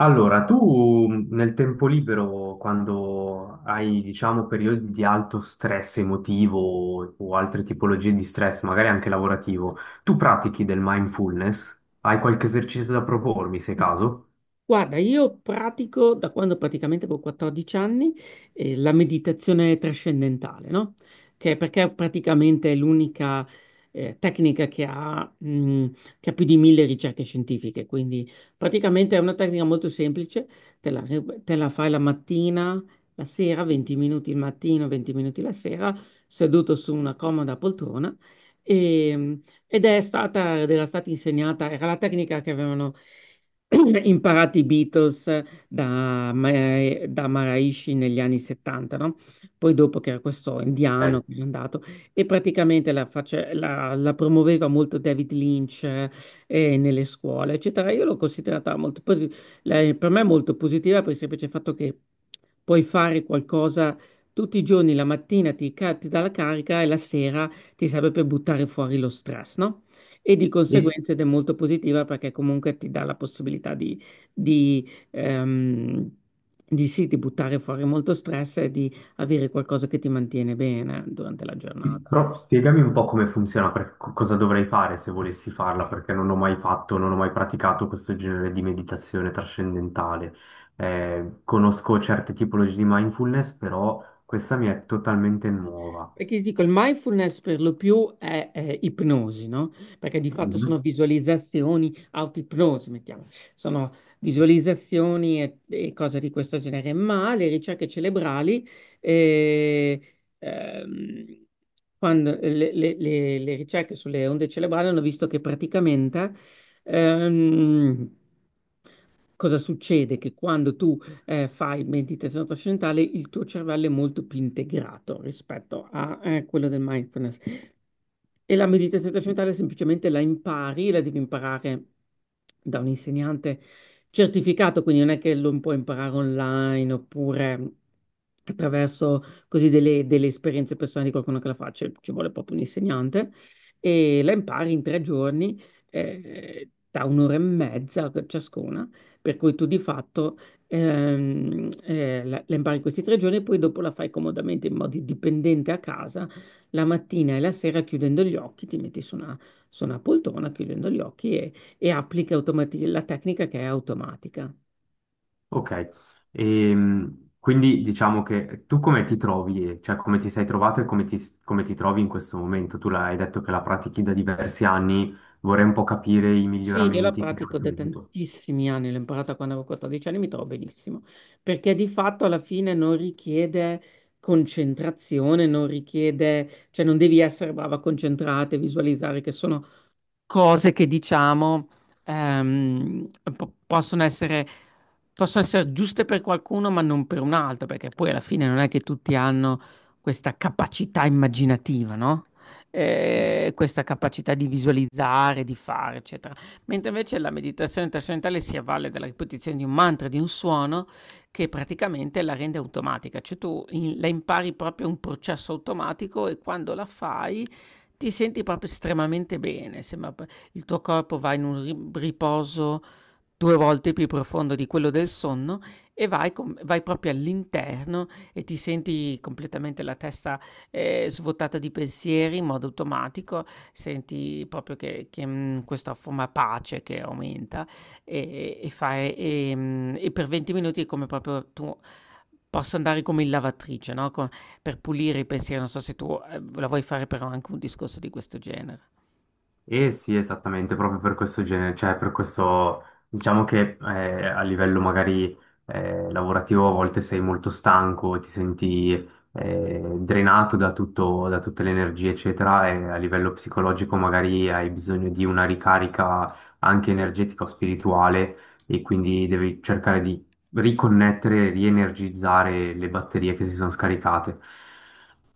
Allora, tu nel tempo libero, quando hai, diciamo, periodi di alto stress emotivo o altre tipologie di stress, magari anche lavorativo, tu pratichi del mindfulness? Hai qualche esercizio da propormi, se caso? Guarda, io pratico da quando praticamente avevo 14 anni, la meditazione trascendentale, no? Che perché è praticamente l'unica tecnica che ha più di 1000 ricerche scientifiche. Quindi praticamente è una tecnica molto semplice, te la, te la fai la mattina, la sera, 20 minuti il mattino, 20 minuti la sera, seduto su una comoda poltrona. E, ed era stata insegnata, era la tecnica che avevano imparato i Beatles da Maharishi negli anni 70, no? Poi, dopo, che era questo indiano Ok. che è andato e praticamente la promuoveva molto David Lynch nelle scuole, eccetera. Io l'ho considerata molto, per me molto positiva, per il semplice fatto che puoi fare qualcosa tutti i giorni: la mattina ti dà la carica e la sera ti serve per buttare fuori lo stress, no? E di E, conseguenza ed è molto positiva perché comunque ti dà la possibilità di, ehm, di buttare fuori molto stress e di avere qualcosa che ti mantiene bene durante la giornata. però spiegami un po' come funziona, cosa dovrei fare se volessi farla, perché non ho mai fatto, non ho mai praticato questo genere di meditazione trascendentale. Conosco certe tipologie di mindfulness, però questa mi è totalmente nuova. Perché ti dico, il mindfulness per lo più è ipnosi, no? Perché di fatto sono Mhm. visualizzazioni, autoipnosi, mettiamo, sono visualizzazioni e cose di questo genere, ma le ricerche cerebrali, eh, ehm, quando le ricerche sulle onde cerebrali hanno visto che praticamente, ehm, cosa succede? Che quando tu fai meditazione trascendentale, il tuo cervello è molto più integrato rispetto a quello del mindfulness. E la meditazione trascendentale semplicemente la impari, la devi imparare da un insegnante certificato, quindi non è che lo puoi imparare online, oppure attraverso così delle esperienze personali di qualcuno che la faccia. Ci vuole proprio un insegnante e la impari in tre giorni da un'ora e mezza ciascuna, per cui tu di fatto la impari in questi tre giorni e poi dopo la fai comodamente, in modo dipendente a casa, la mattina e la sera, chiudendo gli occhi. Ti metti su una, poltrona, chiudendo gli occhi, e applichi la tecnica, che è automatica. Ok. Quindi diciamo che tu come ti trovi, cioè come ti sei trovato e come ti trovi in questo momento? Tu l'hai detto che la pratichi da diversi anni, vorrei un po' capire i Sì, io la miglioramenti che hai pratico da ottenuto. tantissimi anni, l'ho imparata quando avevo 14 anni, mi trovo benissimo, perché di fatto alla fine non richiede concentrazione, non richiede, cioè non devi essere brava a concentrarti, visualizzare, che sono cose che diciamo ehm, po- possono essere, possono essere giuste per qualcuno, ma non per un altro, perché poi alla fine non è che tutti hanno questa capacità immaginativa, no? Questa capacità di visualizzare, di fare, eccetera. Mentre invece la meditazione trascendentale si avvale della ripetizione di un mantra, di un suono che praticamente la rende automatica, cioè tu la impari proprio, un processo automatico, e quando la fai ti senti proprio estremamente bene. Sembra p il tuo corpo va in un ri riposo 2 volte più profondo di quello del sonno, e vai proprio all'interno e ti senti completamente la testa, svuotata di pensieri in modo automatico. Senti proprio che questa forma, pace, che aumenta, e per 20 minuti è come proprio tu possa andare come in lavatrice, no, co per pulire i pensieri. Non so se tu la vuoi fare, però anche un discorso di questo genere. Eh sì, esattamente, proprio per questo genere, cioè per questo, diciamo che a livello magari lavorativo a volte sei molto stanco, ti senti drenato da tutto, da tutte le energie, eccetera, e a livello psicologico magari hai bisogno di una ricarica anche energetica o spirituale e quindi devi cercare di riconnettere, rienergizzare le batterie che si sono scaricate.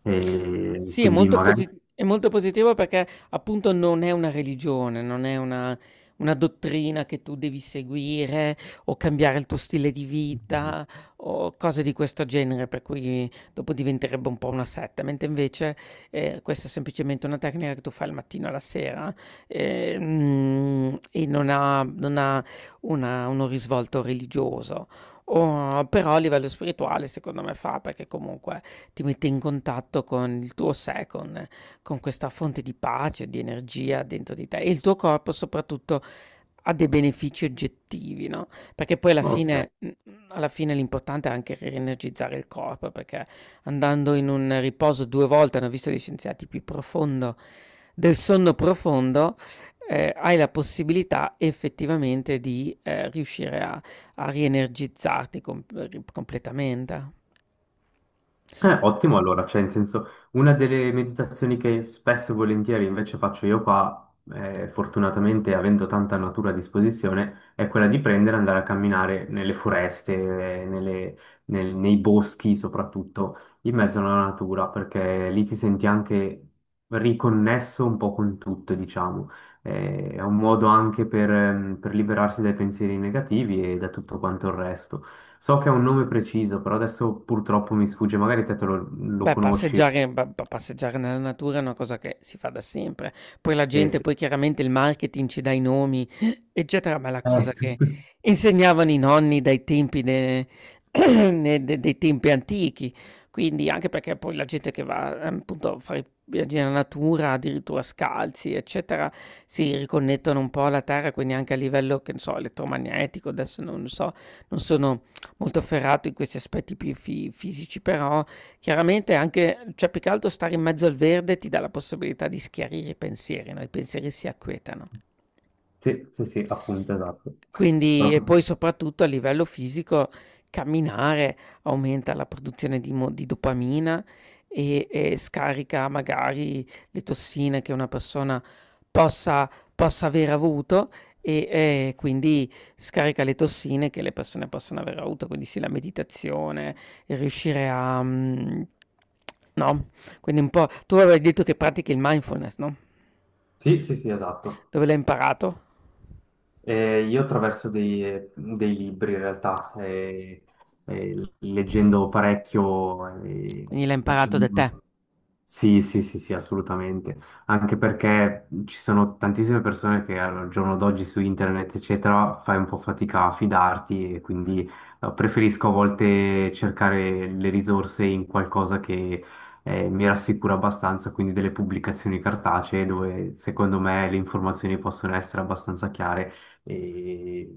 E Sì, è quindi molto Secondo magari... posi me. È molto positivo perché appunto non è una religione, non è una dottrina che tu devi seguire o cambiare il tuo stile di Ok. vita o cose di questo genere, per cui dopo diventerebbe un po' una setta. Mentre invece questa è semplicemente una tecnica che tu fai al mattino e alla sera e non ha uno risvolto religioso. Però a livello spirituale secondo me fa, perché comunque ti mette in contatto con il tuo sé, con questa fonte di pace, di energia dentro di te, e il tuo corpo soprattutto ha dei benefici oggettivi, no? Perché poi alla Ok. fine mhmm, alla fine l'importante è anche rienergizzare il corpo, perché andando in un riposo 2 volte, hanno visto gli scienziati, più profondo del sonno profondo, hai la possibilità effettivamente di, riuscire a rienergizzarti completamente. Ottimo, allora, cioè, in senso, una delle meditazioni che spesso e volentieri invece faccio io qua, fortunatamente avendo tanta natura a disposizione, è quella di prendere e andare a camminare nelle foreste, eh, nelle- nei boschi soprattutto, in mezzo alla natura, perché lì ti senti anche riconnesso un po' con tutto, diciamo. È un modo anche per liberarsi dai pensieri negativi e da tutto quanto il resto. So che è un nome preciso, però adesso purtroppo mi sfugge, magari te lo, lo Beh, conosci. passeggiare pa pa passeggiare nella natura è una cosa che si fa da sempre. Poi la gente, Sì. poi chiaramente il marketing ci dà i nomi, eccetera, ma è la cosa Eh, che insegnavano i nonni dai tempi de ne de dei tempi antichi. Quindi anche perché poi la gente che va, appunto, a fare i viaggi nella natura, addirittura scalzi, eccetera, si riconnettono un po' alla terra, quindi anche a livello, che ne so, elettromagnetico. Adesso non so, non sono molto ferrato in questi aspetti più fi fisici, però chiaramente anche, cioè più che altro, stare in mezzo al verde ti dà la possibilità di schiarire i pensieri, no, i pensieri si acquietano. Sì, sì, sì, appunto, esatto. Quindi, e Proprio- poi soprattutto a livello fisico, camminare aumenta la produzione di dopamina e scarica magari le tossine che una persona possa aver avuto e, quindi scarica le tossine che le persone possono aver avuto. Quindi sì, la meditazione, il riuscire a mhmm, no, quindi un po', tu avevi detto che pratichi il mindfulness, no? Sì, sì, sì, esatto. Dove l'hai imparato? Io attraverso dei libri in realtà, leggendo parecchio, Quindi l'ha imparato da te. sì, sì, sì, sì, assolutamente. Anche perché ci sono tantissime persone che al giorno d'oggi su internet, eccetera, fai un po' fatica a fidarti e quindi preferisco a volte cercare le risorse in qualcosa che mi rassicura abbastanza, quindi delle pubblicazioni cartacee dove secondo me le informazioni possono essere abbastanza chiare e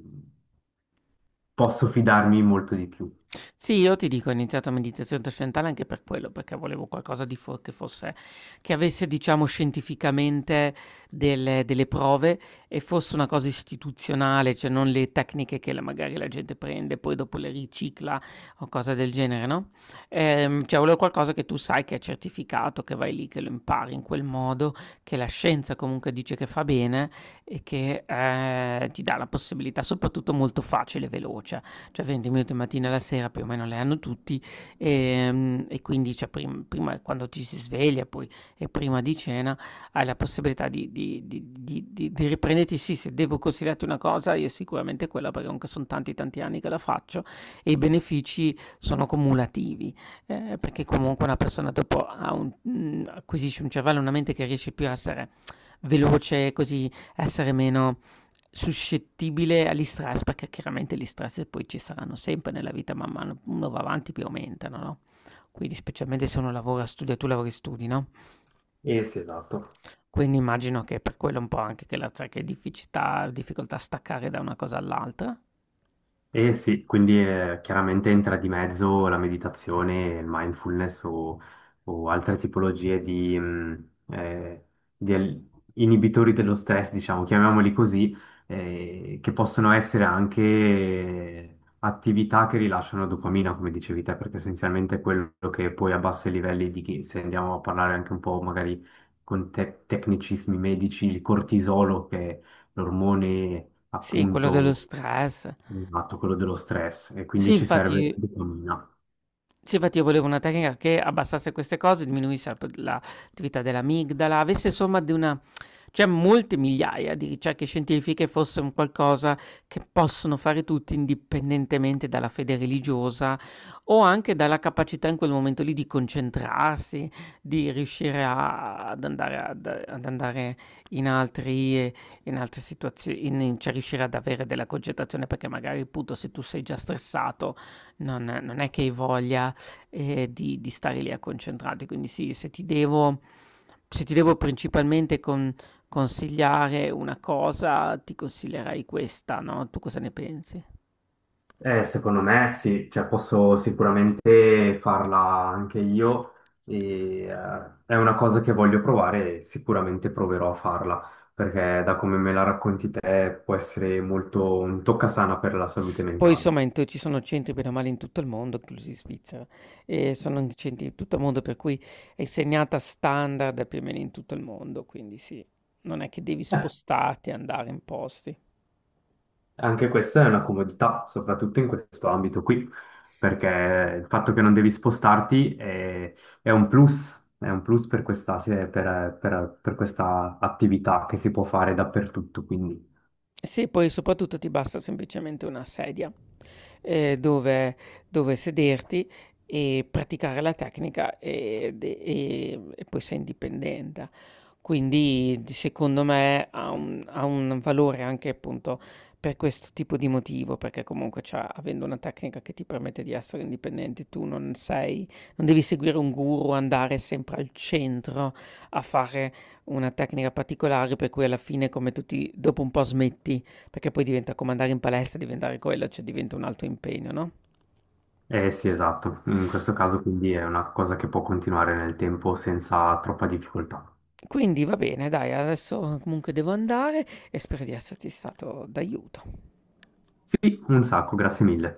posso fidarmi molto di più. Sì, io ti dico, ho iniziato a meditazione trascendentale anche per quello, perché volevo qualcosa di fo che fosse che avesse, diciamo, scientificamente delle prove, e fosse una cosa istituzionale, cioè non le tecniche che la magari la gente prende, poi dopo le ricicla o cose del genere, no, cioè volevo qualcosa che tu sai che è certificato, che vai lì, che lo impari in quel modo, che la scienza comunque dice che fa bene, e che, ti dà la possibilità, soprattutto molto facile e veloce, cioè 20 minuti mattina alla sera più o meno le hanno tutti. E, quindi, cioè, prima, quando ci si sveglia poi, e prima di cena, hai la possibilità di riprenderti. Sì, se devo consigliarti una cosa, io sicuramente quella, perché comunque sono tanti tanti anni che la faccio, e i benefici sono cumulativi perché comunque una persona dopo acquisisce un cervello, una mente, che riesce più a essere veloce, così essere meno suscettibile agli stress, perché chiaramente gli stress poi ci saranno sempre nella vita, man mano uno va avanti più aumentano, no? Quindi, specialmente se uno lavora, studia, tu lavori e studi, no? Eh sì, esatto. Quindi immagino che per quello un po' anche che la cioè, che difficoltà, difficoltà a staccare da una cosa all'altra. Eh sì, quindi chiaramente entra di mezzo la meditazione, il mindfulness o altre tipologie di, di al- inibitori dello stress, diciamo, chiamiamoli così, che possono essere anche attività che rilasciano dopamina, come dicevi te, perché essenzialmente è quello che poi a bassi livelli di chi, se andiamo a parlare anche un po' magari con tecnicismi medici, il cortisolo, che è l'ormone Sì, quello dello appunto. stress. Esatto, quello dello stress e Sì, quindi ci serve infatti dopamina. Sì, infatti, io volevo una tecnica che abbassasse queste cose, diminuisse la p l'attività dell'amigdala, avesse somma di una cioè molte migliaia di ricerche scientifiche, fosse un qualcosa che possono fare tutti indipendentemente dalla fede religiosa o anche dalla capacità in quel momento lì di concentrarsi, di riuscire a ad andare ad ad andare in altri ehm, in altre situazio in in cioè riuscire ad avere della concentrazione, perché magari appunto, se tu sei già stressato, non è che hai voglia , di stare lì a concentrarti. Quindi sì, se ti devo principalmente consigliare una cosa, ti consiglierei questa, no, tu cosa ne pensi? Secondo me sì, cioè posso sicuramente farla anche io e è una cosa che voglio provare e sicuramente proverò a farla, perché da come me la racconti te può essere molto un toccasana per la salute Poi mentale. insomma in te ci sono centri bene o male in tutto il mondo, inclusi in Svizzera, e sono in centri in tutto il mondo, per cui è segnata standard più o meno in tutto il mondo, quindi sì, non è che devi spostarti e andare in posti. Anche questa è una comodità, soprattutto in questo ambito qui, perché il fatto che non devi spostarti è un plus per questa, sì, per, per questa attività che si può fare dappertutto, quindi. Sì, poi soprattutto ti basta semplicemente una sedia eh, dove, dove, sederti e praticare la tecnica, e poi sei indipendente. Quindi secondo me ha un valore anche appunto per questo tipo di motivo, perché comunque avendo una tecnica che ti permette di essere indipendente, tu non sei, non devi seguire un guru, andare sempre al centro a fare una tecnica particolare, per cui alla fine come tutti dopo un po' smetti, perché poi diventa come andare in palestra, diventare quello, cioè diventa un altro impegno, no? Eh sì, esatto, in questo caso quindi è una cosa che può continuare nel tempo senza troppa difficoltà. Quindi va bene, dai, adesso comunque devo andare e spero di esserti stato d'aiuto. Sì, un sacco, grazie mille.